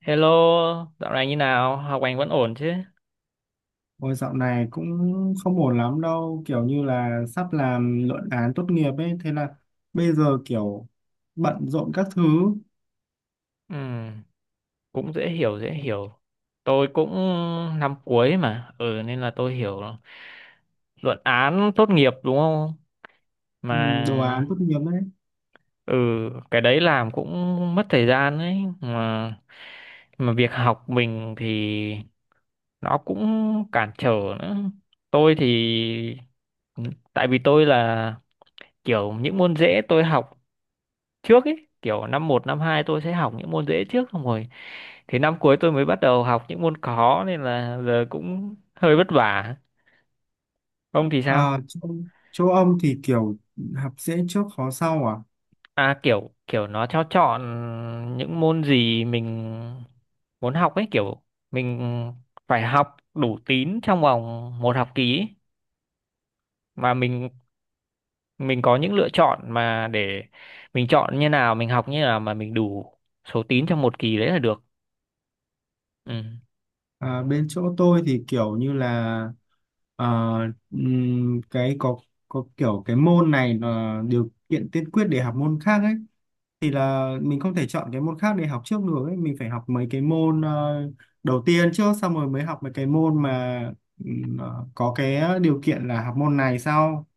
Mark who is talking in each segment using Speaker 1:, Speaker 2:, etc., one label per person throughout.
Speaker 1: Hello, dạo này như nào? Học hành vẫn ổn chứ?
Speaker 2: Ôi dạo này cũng không ổn lắm đâu, kiểu như là sắp làm luận án tốt nghiệp ấy, thế là bây giờ kiểu bận rộn các thứ.
Speaker 1: Ừm, cũng dễ hiểu, dễ hiểu. Tôi cũng năm cuối mà, ừ nên là tôi hiểu luận án tốt nghiệp đúng không?
Speaker 2: Ừ, đồ án
Speaker 1: Mà
Speaker 2: tốt nghiệp ấy.
Speaker 1: ừ cái đấy làm cũng mất thời gian đấy mà việc học mình thì nó cũng cản trở nữa. Tôi thì tại vì tôi là kiểu những môn dễ tôi học trước ấy, kiểu năm một năm 2 tôi sẽ học những môn dễ trước xong rồi thì năm cuối tôi mới bắt đầu học những môn khó, nên là giờ cũng hơi vất vả. Ông thì sao?
Speaker 2: À, chỗ ông thì kiểu học dễ trước khó sau à?
Speaker 1: À, kiểu kiểu nó cho chọn những môn gì mình muốn học ấy, kiểu mình phải học đủ tín trong vòng một học kỳ ấy. Mà mình có những lựa chọn mà để mình chọn như nào, mình học như nào mà mình đủ số tín trong một kỳ đấy là được, ừ.
Speaker 2: À, bên chỗ tôi thì kiểu như là ờ, cái có kiểu cái môn này là điều kiện tiên quyết để học môn khác ấy, thì là mình không thể chọn cái môn khác để học trước được ấy. Mình phải học mấy cái môn đầu tiên trước xong rồi mới học mấy cái môn mà có cái điều kiện là học môn này sau,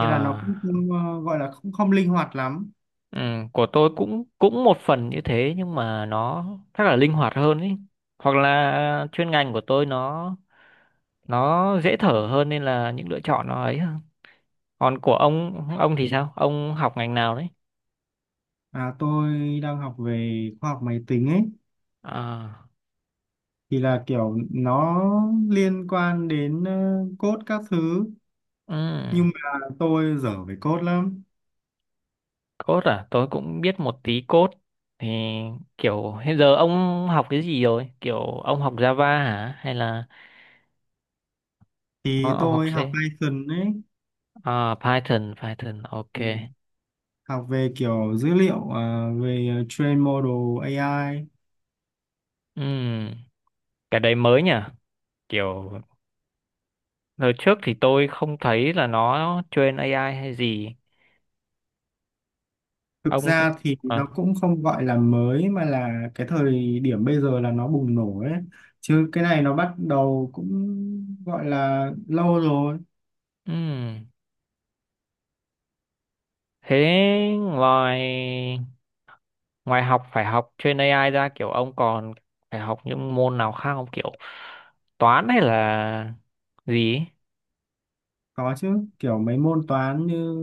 Speaker 2: thế là nó cũng không, gọi là không không linh hoạt lắm.
Speaker 1: ừ, của tôi cũng cũng một phần như thế nhưng mà nó chắc là linh hoạt hơn ý. Hoặc là chuyên ngành của tôi nó dễ thở hơn nên là những lựa chọn nó ấy hơn. Còn của ông thì sao? Ông học ngành nào đấy?
Speaker 2: À, tôi đang học về khoa học máy tính ấy,
Speaker 1: À,
Speaker 2: thì là kiểu nó liên quan đến code các thứ,
Speaker 1: ừ,
Speaker 2: nhưng mà tôi dở về code lắm.
Speaker 1: code à? Tôi cũng biết một tí code. Thì kiểu hiện giờ ông học cái gì rồi? Kiểu ông học Java hả? Hay là ông,
Speaker 2: Thì
Speaker 1: ông học
Speaker 2: tôi
Speaker 1: C?
Speaker 2: học Python ấy,
Speaker 1: À, Python, Python, ok.
Speaker 2: học về kiểu dữ liệu, à về train model AI.
Speaker 1: Ừ, cái đấy mới nhỉ? Kiểu lần trước thì tôi không thấy là nó train AI hay gì.
Speaker 2: Thực
Speaker 1: Ông
Speaker 2: ra thì nó
Speaker 1: à,
Speaker 2: cũng không gọi là mới mà là cái thời điểm bây giờ là nó bùng nổ ấy, chứ cái này nó bắt đầu cũng gọi là lâu rồi.
Speaker 1: ừm. Thế ngoài ngoài học phải học train AI ra, kiểu ông còn phải học những môn nào khác không, kiểu toán hay là gì ấy?
Speaker 2: Có chứ, kiểu mấy môn toán như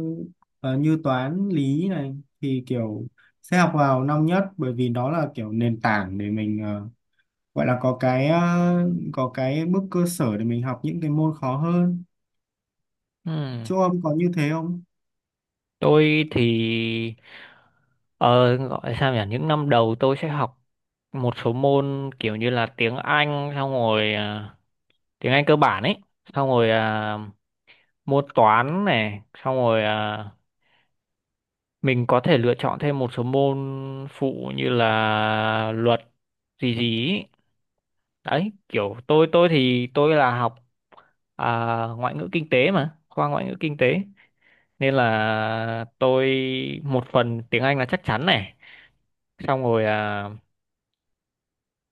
Speaker 2: như toán lý này thì kiểu sẽ học vào năm nhất, bởi vì đó là kiểu nền tảng để mình gọi là có cái có cái bước cơ sở để mình học những cái môn khó hơn.
Speaker 1: Ừm.
Speaker 2: Chỗ ông có như thế không?
Speaker 1: Tôi thì ờ, gọi sao nhỉ? Những năm đầu tôi sẽ học một số môn kiểu như là tiếng Anh, xong rồi à, tiếng Anh cơ bản ấy, xong rồi à, môn toán này, xong rồi à, mình có thể lựa chọn thêm một số môn phụ như là luật gì gì ý. Đấy, kiểu tôi thì tôi là học à, ngoại ngữ kinh tế mà, khoa ngoại ngữ kinh tế, nên là tôi một phần tiếng Anh là chắc chắn này, xong rồi à,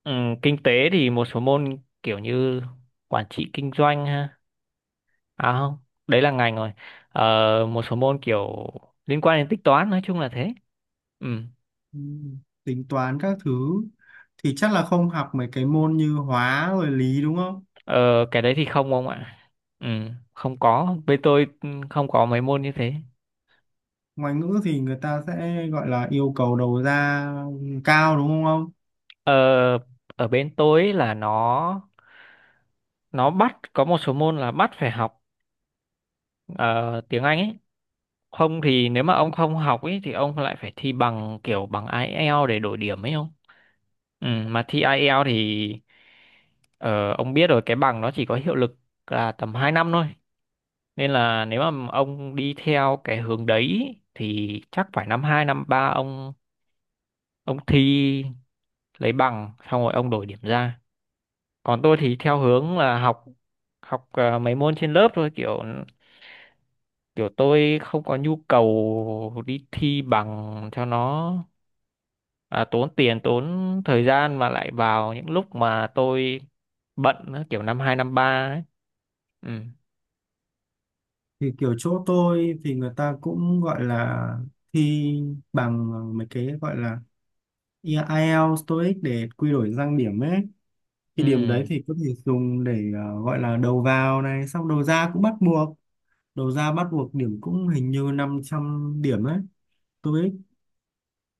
Speaker 1: ừ, kinh tế thì một số môn kiểu như quản trị kinh doanh ha, à không, đấy là ngành rồi. Ờ, một số môn kiểu liên quan đến tính toán, nói chung là thế, ừ.
Speaker 2: Ừ, tính toán các thứ thì chắc là không học mấy cái môn như hóa rồi lý đúng không?
Speaker 1: Ờ, cái đấy thì không ông ạ. Ừ, không có. Bên tôi ừ, không có mấy môn như thế.
Speaker 2: Ngoại ngữ thì người ta sẽ gọi là yêu cầu đầu ra cao đúng không ông?
Speaker 1: Ờ, ở bên tôi ấy là nó bắt có một số môn là bắt phải học ờ, tiếng Anh ấy. Không thì nếu mà ông không học ấy thì ông lại phải thi bằng, kiểu bằng IELTS để đổi điểm ấy không? Ừ, mà thi IELTS thì ờ, ông biết rồi, cái bằng nó chỉ có hiệu lực là tầm 2 năm thôi. Nên là nếu mà ông đi theo cái hướng đấy thì chắc phải năm 2 năm 3 ông thi lấy bằng xong rồi ông đổi điểm ra. Còn tôi thì theo hướng là học, học à, mấy môn trên lớp thôi, kiểu kiểu tôi không có nhu cầu đi thi bằng cho nó à, tốn tiền tốn thời gian mà lại vào những lúc mà tôi bận nữa, kiểu năm hai năm ba ấy, ừ,
Speaker 2: Thì kiểu chỗ tôi thì người ta cũng gọi là thi bằng mấy cái gọi là IELTS, TOEIC để quy đổi sang điểm ấy. Thì
Speaker 1: ừ.
Speaker 2: điểm đấy thì có thể dùng để gọi là đầu vào này, xong đầu ra cũng bắt buộc. Đầu ra bắt buộc điểm cũng hình như 500 điểm ấy. TOEIC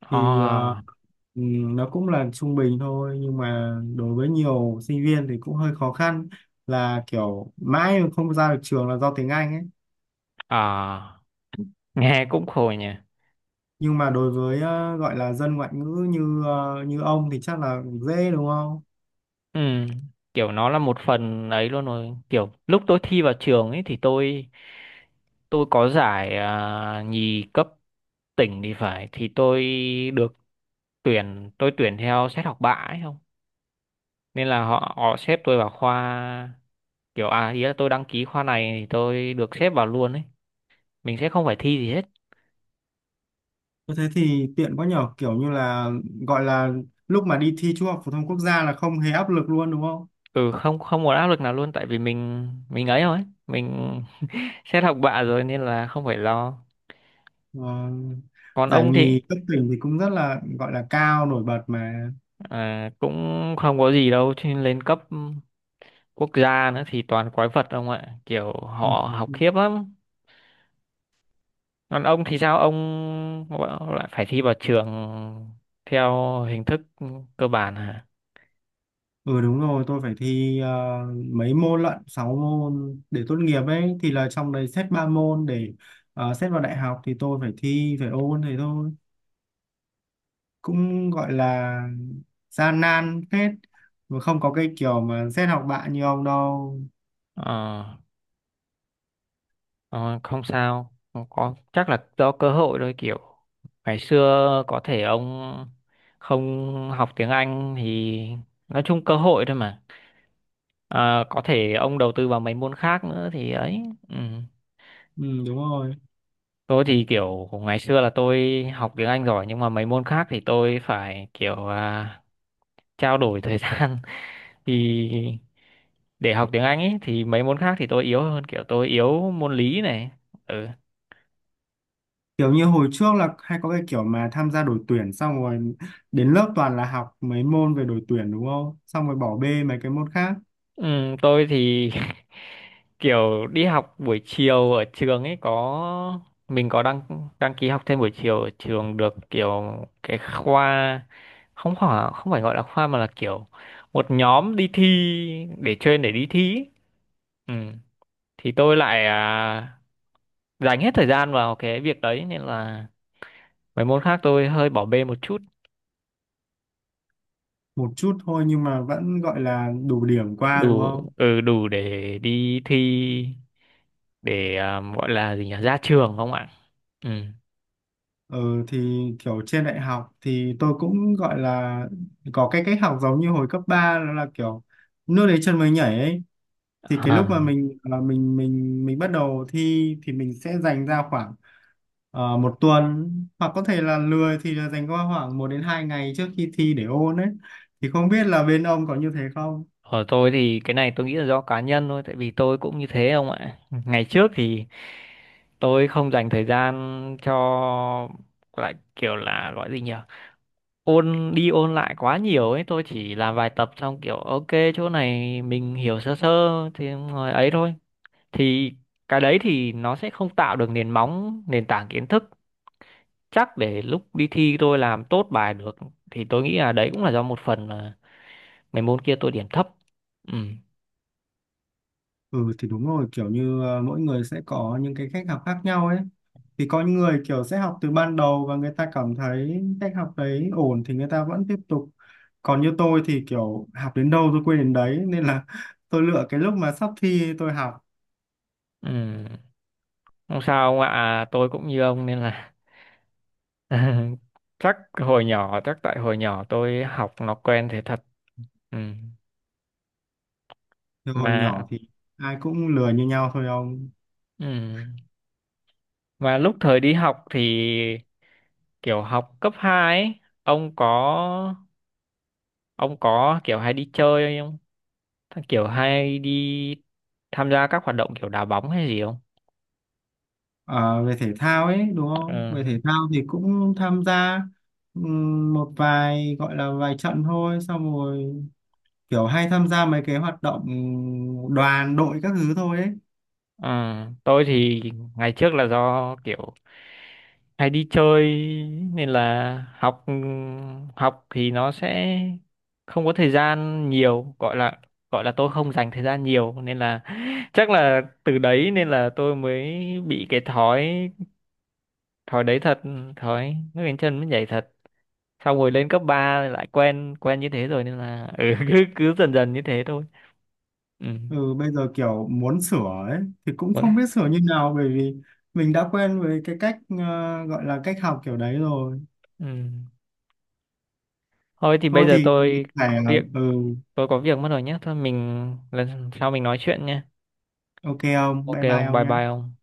Speaker 2: thì
Speaker 1: À,
Speaker 2: nó cũng là trung bình thôi, nhưng mà đối với nhiều sinh viên thì cũng hơi khó khăn, là kiểu mãi mà không ra được trường là do tiếng Anh ấy.
Speaker 1: à, nghe cũng khổ nhỉ.
Speaker 2: Nhưng mà đối với gọi là dân ngoại ngữ như như ông thì chắc là dễ đúng không?
Speaker 1: Ừ, kiểu nó là một phần ấy luôn rồi, kiểu lúc tôi thi vào trường ấy thì tôi có giải à, nhì cấp tỉnh thì phải, thì tôi được tuyển, tôi tuyển theo xét học bạ ấy không, nên là họ họ xếp tôi vào khoa, kiểu à ý là tôi đăng ký khoa này thì tôi được xếp vào luôn ấy, mình sẽ không phải thi gì hết.
Speaker 2: Thế thì tiện quá nhở, kiểu như là gọi là lúc mà đi thi trung học phổ thông quốc gia là không hề áp lực luôn đúng không?
Speaker 1: Ừ, không, không một áp lực nào luôn, tại vì mình ấy rồi ấy, mình xét học bạ rồi nên là không phải lo.
Speaker 2: Ờ,
Speaker 1: Còn
Speaker 2: giải
Speaker 1: ông thì
Speaker 2: nhì cấp tỉnh thì cũng rất là gọi là cao nổi bật mà.
Speaker 1: à, cũng không có gì đâu chứ, lên cấp quốc gia nữa thì toàn quái vật ông ạ, kiểu họ học
Speaker 2: Ừ.
Speaker 1: khiếp lắm. Còn ông thì sao, ông lại phải thi vào trường theo hình thức cơ bản hả?
Speaker 2: Ừ đúng rồi, tôi phải thi mấy môn lận, 6 môn để tốt nghiệp ấy, thì là trong đấy xét 3 môn để xét vào đại học thì tôi phải thi, phải ôn thế thôi. Cũng gọi là gian nan phết, mà không có cái kiểu mà xét học bạ như ông đâu.
Speaker 1: Ờ, ờ, không sao, không có, chắc là do cơ hội thôi, kiểu ngày xưa có thể ông không học tiếng Anh thì nói chung cơ hội thôi mà. Ờ, có thể ông đầu tư vào mấy môn khác nữa thì ấy, ừ.
Speaker 2: Ừ đúng rồi.
Speaker 1: Tôi thì kiểu ngày xưa là tôi học tiếng Anh giỏi nhưng mà mấy môn khác thì tôi phải kiểu à, trao đổi thời gian thì để học tiếng Anh ấy thì mấy môn khác thì tôi yếu hơn, kiểu tôi yếu môn lý này. Ừ.
Speaker 2: Kiểu như hồi trước là hay có cái kiểu mà tham gia đội tuyển xong rồi đến lớp toàn là học mấy môn về đội tuyển đúng không? Xong rồi bỏ bê mấy cái môn khác.
Speaker 1: Tôi thì kiểu đi học buổi chiều ở trường ấy, có mình có đăng đăng ký học thêm buổi chiều ở trường được, kiểu cái khoa, không phải gọi là khoa mà là kiểu một nhóm đi thi, để chuyên để đi thi ý. Ừ. Thì tôi lại à, dành hết thời gian vào cái việc đấy nên là mấy môn khác tôi hơi bỏ bê một chút.
Speaker 2: Một chút thôi nhưng mà vẫn gọi là đủ điểm qua đúng
Speaker 1: Đủ,
Speaker 2: không?
Speaker 1: ừ, đủ để đi thi, để à, gọi là gì nhỉ, ra trường không ạ, ừ.
Speaker 2: Ừ, thì kiểu trên đại học thì tôi cũng gọi là có cái cách học giống như hồi cấp ba, đó là kiểu nước đến chân mới nhảy ấy. Thì cái lúc mà
Speaker 1: À.
Speaker 2: mình bắt đầu thi thì mình sẽ dành ra khoảng một tuần, hoặc có thể là lười thì là dành qua khoảng một đến hai ngày trước khi thi để ôn ấy. Thì không biết là bên ông có như thế không?
Speaker 1: Ở tôi thì cái này tôi nghĩ là do cá nhân thôi, tại vì tôi cũng như thế không ạ, ngày trước thì tôi không dành thời gian cho, lại kiểu là gọi gì nhỉ, ôn đi ôn lại quá nhiều ấy, tôi chỉ làm vài tập xong kiểu ok, chỗ này mình hiểu sơ sơ thì ngồi ấy thôi, thì cái đấy thì nó sẽ không tạo được nền móng nền tảng kiến thức chắc để lúc đi thi tôi làm tốt bài được, thì tôi nghĩ là đấy cũng là do một phần là mấy môn kia tôi điểm thấp, ừ,
Speaker 2: Ừ thì đúng rồi, kiểu như à, mỗi người sẽ có những cái cách học khác nhau ấy. Thì có những người kiểu sẽ học từ ban đầu và người ta cảm thấy cách học đấy ổn thì người ta vẫn tiếp tục, còn như tôi thì kiểu học đến đâu tôi quên đến đấy, nên là tôi lựa cái lúc mà sắp thi tôi học.
Speaker 1: ừ. Không sao ông ạ à, tôi cũng như ông nên là chắc hồi nhỏ, chắc tại hồi nhỏ tôi học nó quen thế thật, ừ
Speaker 2: Thì hồi
Speaker 1: mà
Speaker 2: nhỏ thì ai cũng lười như nhau thôi ông.
Speaker 1: ừ. Mà lúc thời đi học thì kiểu học cấp 2 ấy, ông có ông có kiểu hay đi chơi không? Kiểu hay đi tham gia các hoạt động kiểu đá bóng hay gì không?
Speaker 2: À, về thể thao ấy đúng không?
Speaker 1: Ừ.
Speaker 2: Về thể thao thì cũng tham gia một vài, gọi là vài trận thôi, xong rồi kiểu hay tham gia mấy cái hoạt động đoàn đội các thứ thôi ấy.
Speaker 1: Ờ, tôi thì ngày trước là do kiểu hay đi chơi nên là học, học thì nó sẽ không có thời gian nhiều, gọi là tôi không dành thời gian nhiều nên là chắc là từ đấy nên là tôi mới bị cái thói, thói đấy thật, thói nước đến chân mới nhảy thật, xong rồi lên cấp 3 lại quen quen như thế rồi nên là ừ, cứ cứ dần dần như thế thôi, ừ.
Speaker 2: Ừ, bây giờ kiểu muốn sửa ấy thì cũng
Speaker 1: Vẫn-
Speaker 2: không biết sửa như nào, bởi vì mình đã quen với cái cách gọi là cách học kiểu đấy rồi.
Speaker 1: ừ. Thôi thì bây
Speaker 2: Thôi
Speaker 1: giờ
Speaker 2: thì mình
Speaker 1: tôi
Speaker 2: phải
Speaker 1: có việc
Speaker 2: ừ,
Speaker 1: tôi có việc mất rồi nhé, thôi mình lần sau mình nói chuyện nhé.
Speaker 2: ok không,
Speaker 1: Ok
Speaker 2: bye bye
Speaker 1: ông,
Speaker 2: ông
Speaker 1: bye
Speaker 2: nhá.
Speaker 1: bye ông.